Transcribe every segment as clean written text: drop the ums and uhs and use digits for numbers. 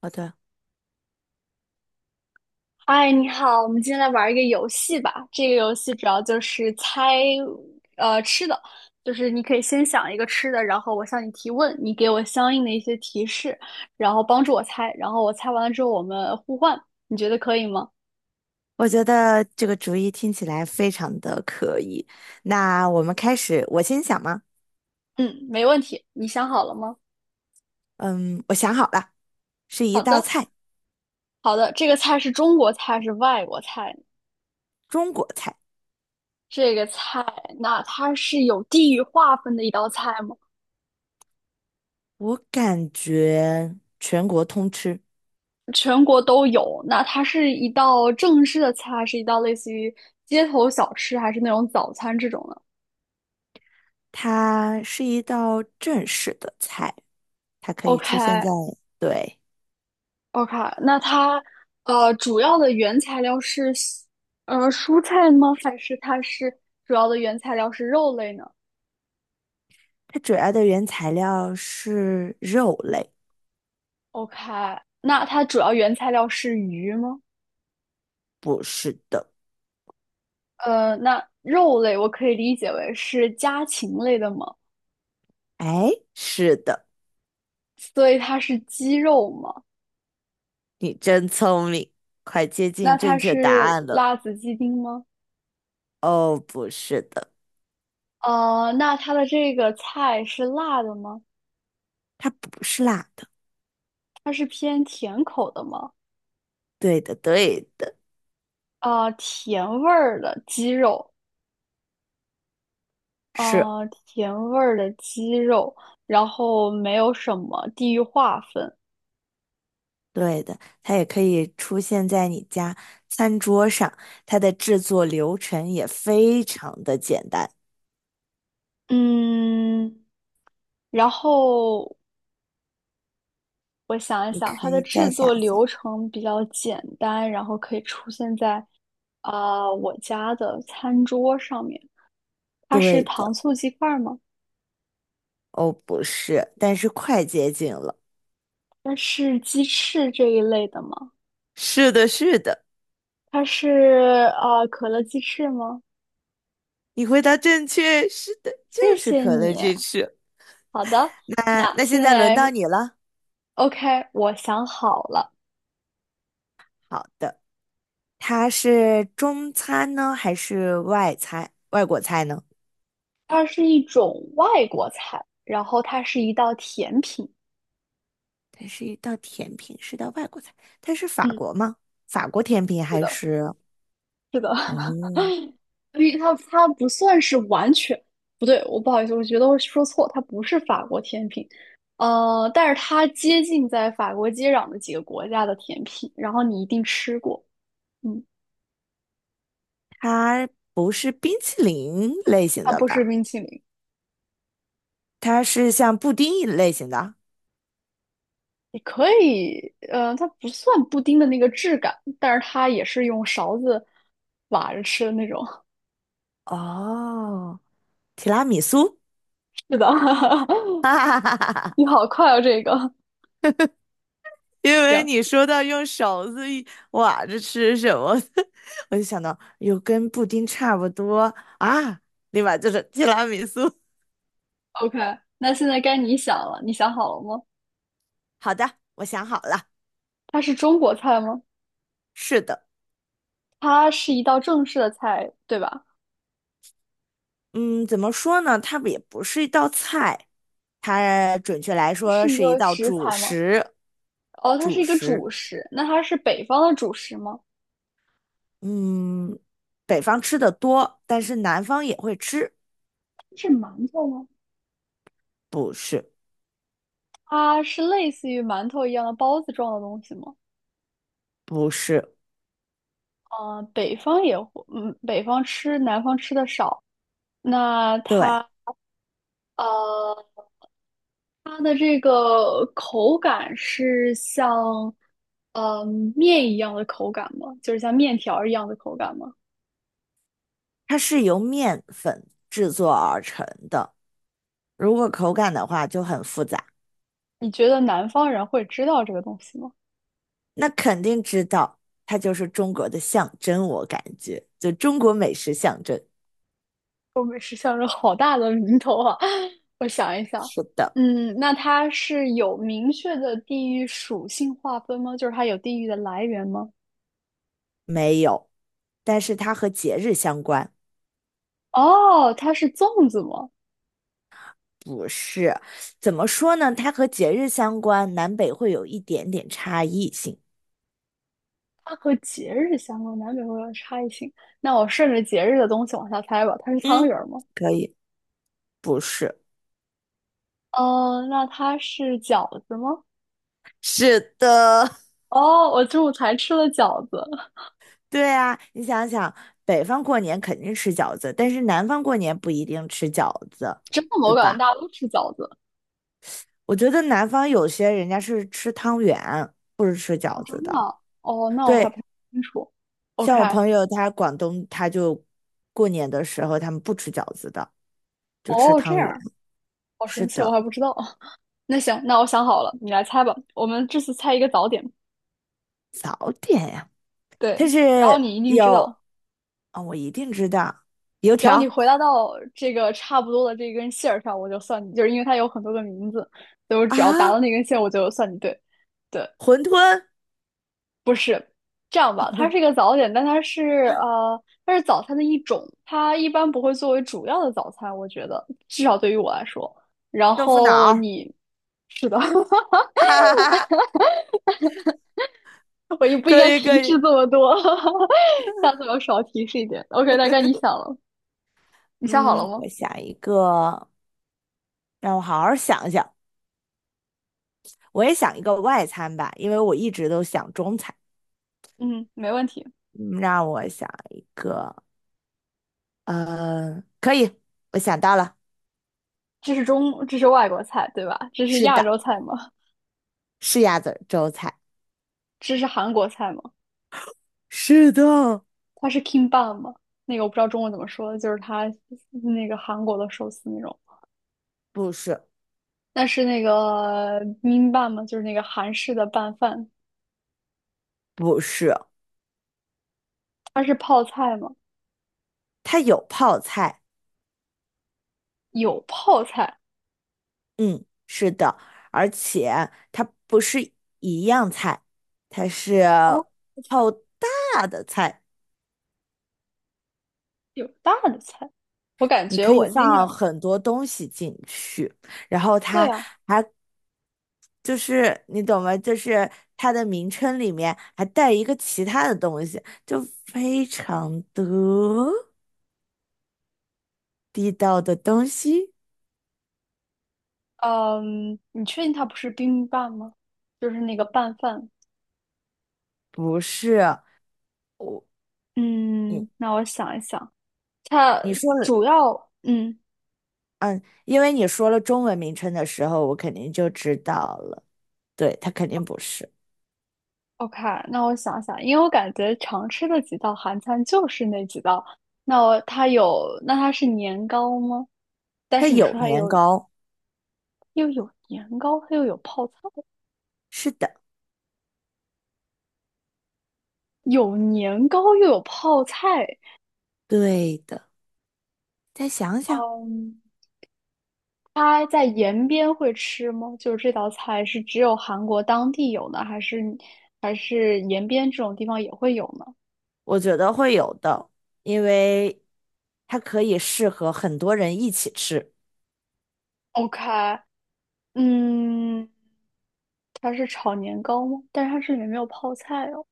好的，哎，你好，我们今天来玩一个游戏吧。这个游戏主要就是猜，吃的，就是你可以先想一个吃的，然后我向你提问，你给我相应的一些提示，然后帮助我猜，然后我猜完了之后我们互换，你觉得可以吗？我觉得这个主意听起来非常的可以。那我们开始，我先想吗？嗯，没问题。你想好了吗？嗯，我想好了，是一好道的，菜，好的。这个菜是中国菜，是外国菜？中国菜，这个菜，那它是有地域划分的一道菜吗？我感觉全国通吃。全国都有。那它是一道正式的菜，还是一道类似于街头小吃，还是那种早餐这种呢它是一道正式的菜，它可以出现在，？OK 对，OK，那它主要的原材料是蔬菜吗？还是它是主要的原材料是肉类呢它主要的原材料是肉类，？OK，那它主要原材料是鱼吗？不是的。呃，那肉类我可以理解为是家禽类的吗？哎，是的，所以它是鸡肉吗？你真聪明，快接那近它正确答是案了。辣子鸡丁吗？哦，不是的。呃，那它的这个菜是辣的吗？它不是辣的。它是偏甜口的吗？对的，对的，啊，甜味儿的鸡肉，是啊，甜味儿的鸡肉，然后没有什么地域划分。对的。它也可以出现在你家餐桌上，它的制作流程也非常的简单。嗯，然后我想一你想，可它的以再制想作想。流程比较简单，然后可以出现在啊、我家的餐桌上面。它是对糖的，醋鸡块儿吗？哦，不是，但是快接近了。它是鸡翅这一类的吗？是的，是的，它是可乐鸡翅吗？你回答正确，是的，就谢是谢可乐你。鸡翅。好的，那那那现现在轮到在 你了。OK，我想好了，好的，它是中餐呢，还是外餐，外国菜呢？它是一种外国菜，然后它是一道甜品。它是一道甜品，是道外国菜。它是法嗯，国吗？法国甜品是还的，是？是的，哦，因为它不算是完全不对，我不好意思，我觉得我说错，它不是法国甜品，呃，但是它接近在法国接壤的几个国家的甜品，然后你一定吃过，嗯，它不是冰淇淋类型它的不是吧？冰淇淋。它是像布丁一类型的。也可以，呃，它不算布丁的那个质感，但是它也是用勺子挖着吃的那种。哦，提拉米苏。是的，哈哈哈哈哈！你好快哦，这个因为行你说到用勺子一挖着吃什么，我就想到有跟布丁差不多啊，立马就是提拉米苏。，OK。那现在该你想了，你想好了吗？好的，我想好了。它是中国菜吗？是的。它是一道正式的菜，对吧？嗯，怎么说呢？它也不是一道菜，它准确来它说是一是一个道食主材吗？食。哦，它是主一个食，主食。那它是北方的主食吗？嗯，北方吃的多，但是南方也会吃。是馒头吗？不是，它是类似于馒头一样的包子状的东西吗？不是，北方也会，嗯，北方吃，南方吃的少。那对，它呃，它的这个口感是像呃面一样的口感吗？就是像面条儿一样的口感吗？它是由面粉制作而成的。如果口感的话就很复杂，你觉得南方人会知道这个东西吗？那肯定知道，它就是中国的象征，我感觉，就中国美食象征。东北是像是好大的名头啊！我想一想，是的，嗯，那它是有明确的地域属性划分吗？就是它有地域的来源吗？没有，但是它和节日相关。哦，它是粽子吗？不是，怎么说呢？它和节日相关，南北会有一点点差异性。它和节日相关，难免会有差异性。那我顺着节日的东西往下猜吧，它是汤嗯，圆儿吗？可以。不是，哦，那它是饺子吗？是的，哦，我中午才吃了饺子，对啊，你想想，北方过年肯定吃饺子，但是南方过年不一定吃饺子，真的吗？我对感觉吧？大家都吃饺子。我觉得南方有些人家是吃汤圆，不是吃哦，饺真子的的。啊哦，那我还不对，太清楚。OK，像我朋友他广东，他就过年的时候他们不吃饺子的，就吃哦，这汤圆。样，好神是奇，我的，还不知道。那行，那我想好了，你来猜吧。我们这次猜一个早点，早点呀。它对，是然后你一定知有道。啊、我一定知道，油只要你条回答到这个差不多的这根线上，我就算你，就是因为它有很多个名字，所以我只要答啊，到那根线，我就算你对。对，馄饨、这样吧，它是一个早点，但它是它是早餐的一种，它一般不会作为主要的早餐，我觉得至少对于我来说。然豆腐脑后儿你是的，啊，我也 不应可该以可提示以，这么多，下次我少提示一点。OK，大概你想了，你想好了嗯，吗？我想一个，让我好好想一想，我也想一个外餐吧，因为我一直都想中餐，嗯，没问题。嗯，让我想，可以，我想到了，这是中，这是外国菜，对吧？这是是亚的，洲菜吗？是鸭子儿粥菜，这是韩国菜吗？是的，它是 kimbap 吗？那个我不知道中文怎么说，就是它那个韩国的寿司那种。不是但是那个 b i b m b a p 嘛，就是那个韩式的拌饭，不是，它是泡菜吗？它有泡菜。有泡菜嗯，是的，而且它不是一样菜，它是哦，就是好大的菜，有大的菜。我感你觉可以我经放常很多东西进去，然后对它呀、还就是你懂吗？就是它的名称里面还带一个其他的东西，就非常的地道的东西，嗯，你确定它不是 b i i m b a p 吗？就是那个拌饭。不是我你嗯，那我想一想，它你说了，主要嗯。嗯，因为你说了中文名称的时候，我肯定就知道了。对，它肯定不是，OK，那我想想，因为我感觉常吃的几道韩餐就是那几道。那我它有，那它是年糕吗？但它是你有说它年有糕，又有年糕，它又有泡菜，是的，有年糕又有泡菜。对的。再想想，嗯，它在延边会吃吗？就是这道菜是只有韩国当地有呢，还是还是延边这种地方也会有呢我觉得会有的，因为它可以适合很多人一起吃。？OK，嗯，它是炒年糕吗？但是它这里面没有泡菜哦。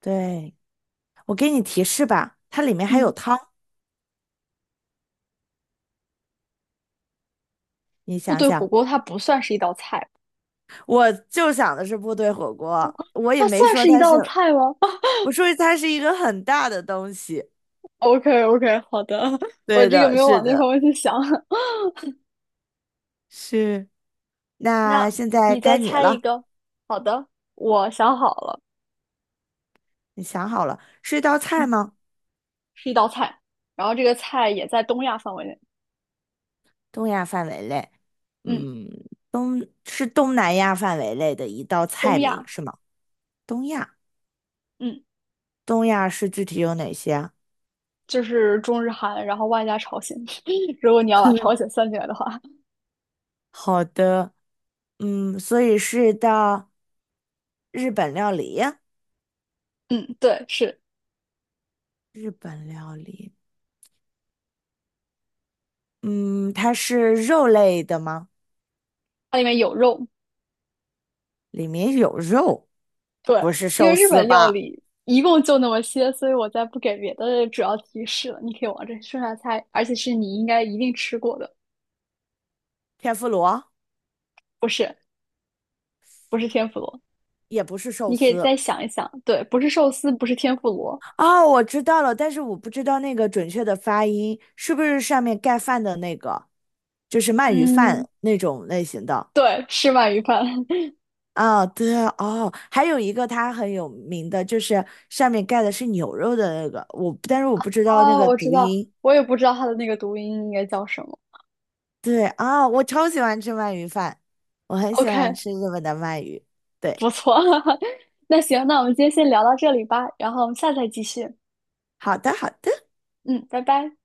对，我给你提示吧，它里面还有嗯。汤，你部想队火想，锅它不算是一道菜，我就想的是部队火锅，我也它没算说是一它是，道菜吗 我说它是一个很大的东西。？OK OK，好的，我对这个的，没有是往那的，方面去想 是。那那现在你该再你猜一了，个。好的，我想好了，你想好了，是一道菜嗯，吗？是一道菜，然后这个菜也在东亚范围内，东亚范围内。嗯，嗯，东是东南亚范围内的一道东菜名亚，是吗？东亚，嗯，东亚是具体有哪些啊 就是中日韩，然后外加朝鲜。如果你要把朝鲜 算进来的话，好的，嗯，所以是到日本料理，嗯，对，是日本料理，嗯，它是肉类的吗？它里面有肉，里面有肉，对，不是因寿为日司本料吧？理一共就那么些，所以我再不给别的主要提示了。你可以往这顺下猜，而且是你应该一定吃过的，天妇罗不是不是天妇罗。也不是寿你可以司。再想一想，对，不是寿司，不是天妇罗，哦，我知道了，但是我不知道那个准确的发音是不是上面盖饭的那个，就是鳗鱼嗯，饭那种类型的。对，吃鳗鱼饭。啊、对哦，还有一个它很有名的，就是上面盖的是牛肉的那个，我但是我不知道那哦，个我知读道，音。我也不知道它的那个读音应该叫什么。对啊、我超喜欢吃鳗鱼饭，我很喜欢 OK，吃日本的鳗鱼。对，不错，那行，那我们今天先聊到这里吧，然后我们下次再继续。好的，好的。嗯，拜拜。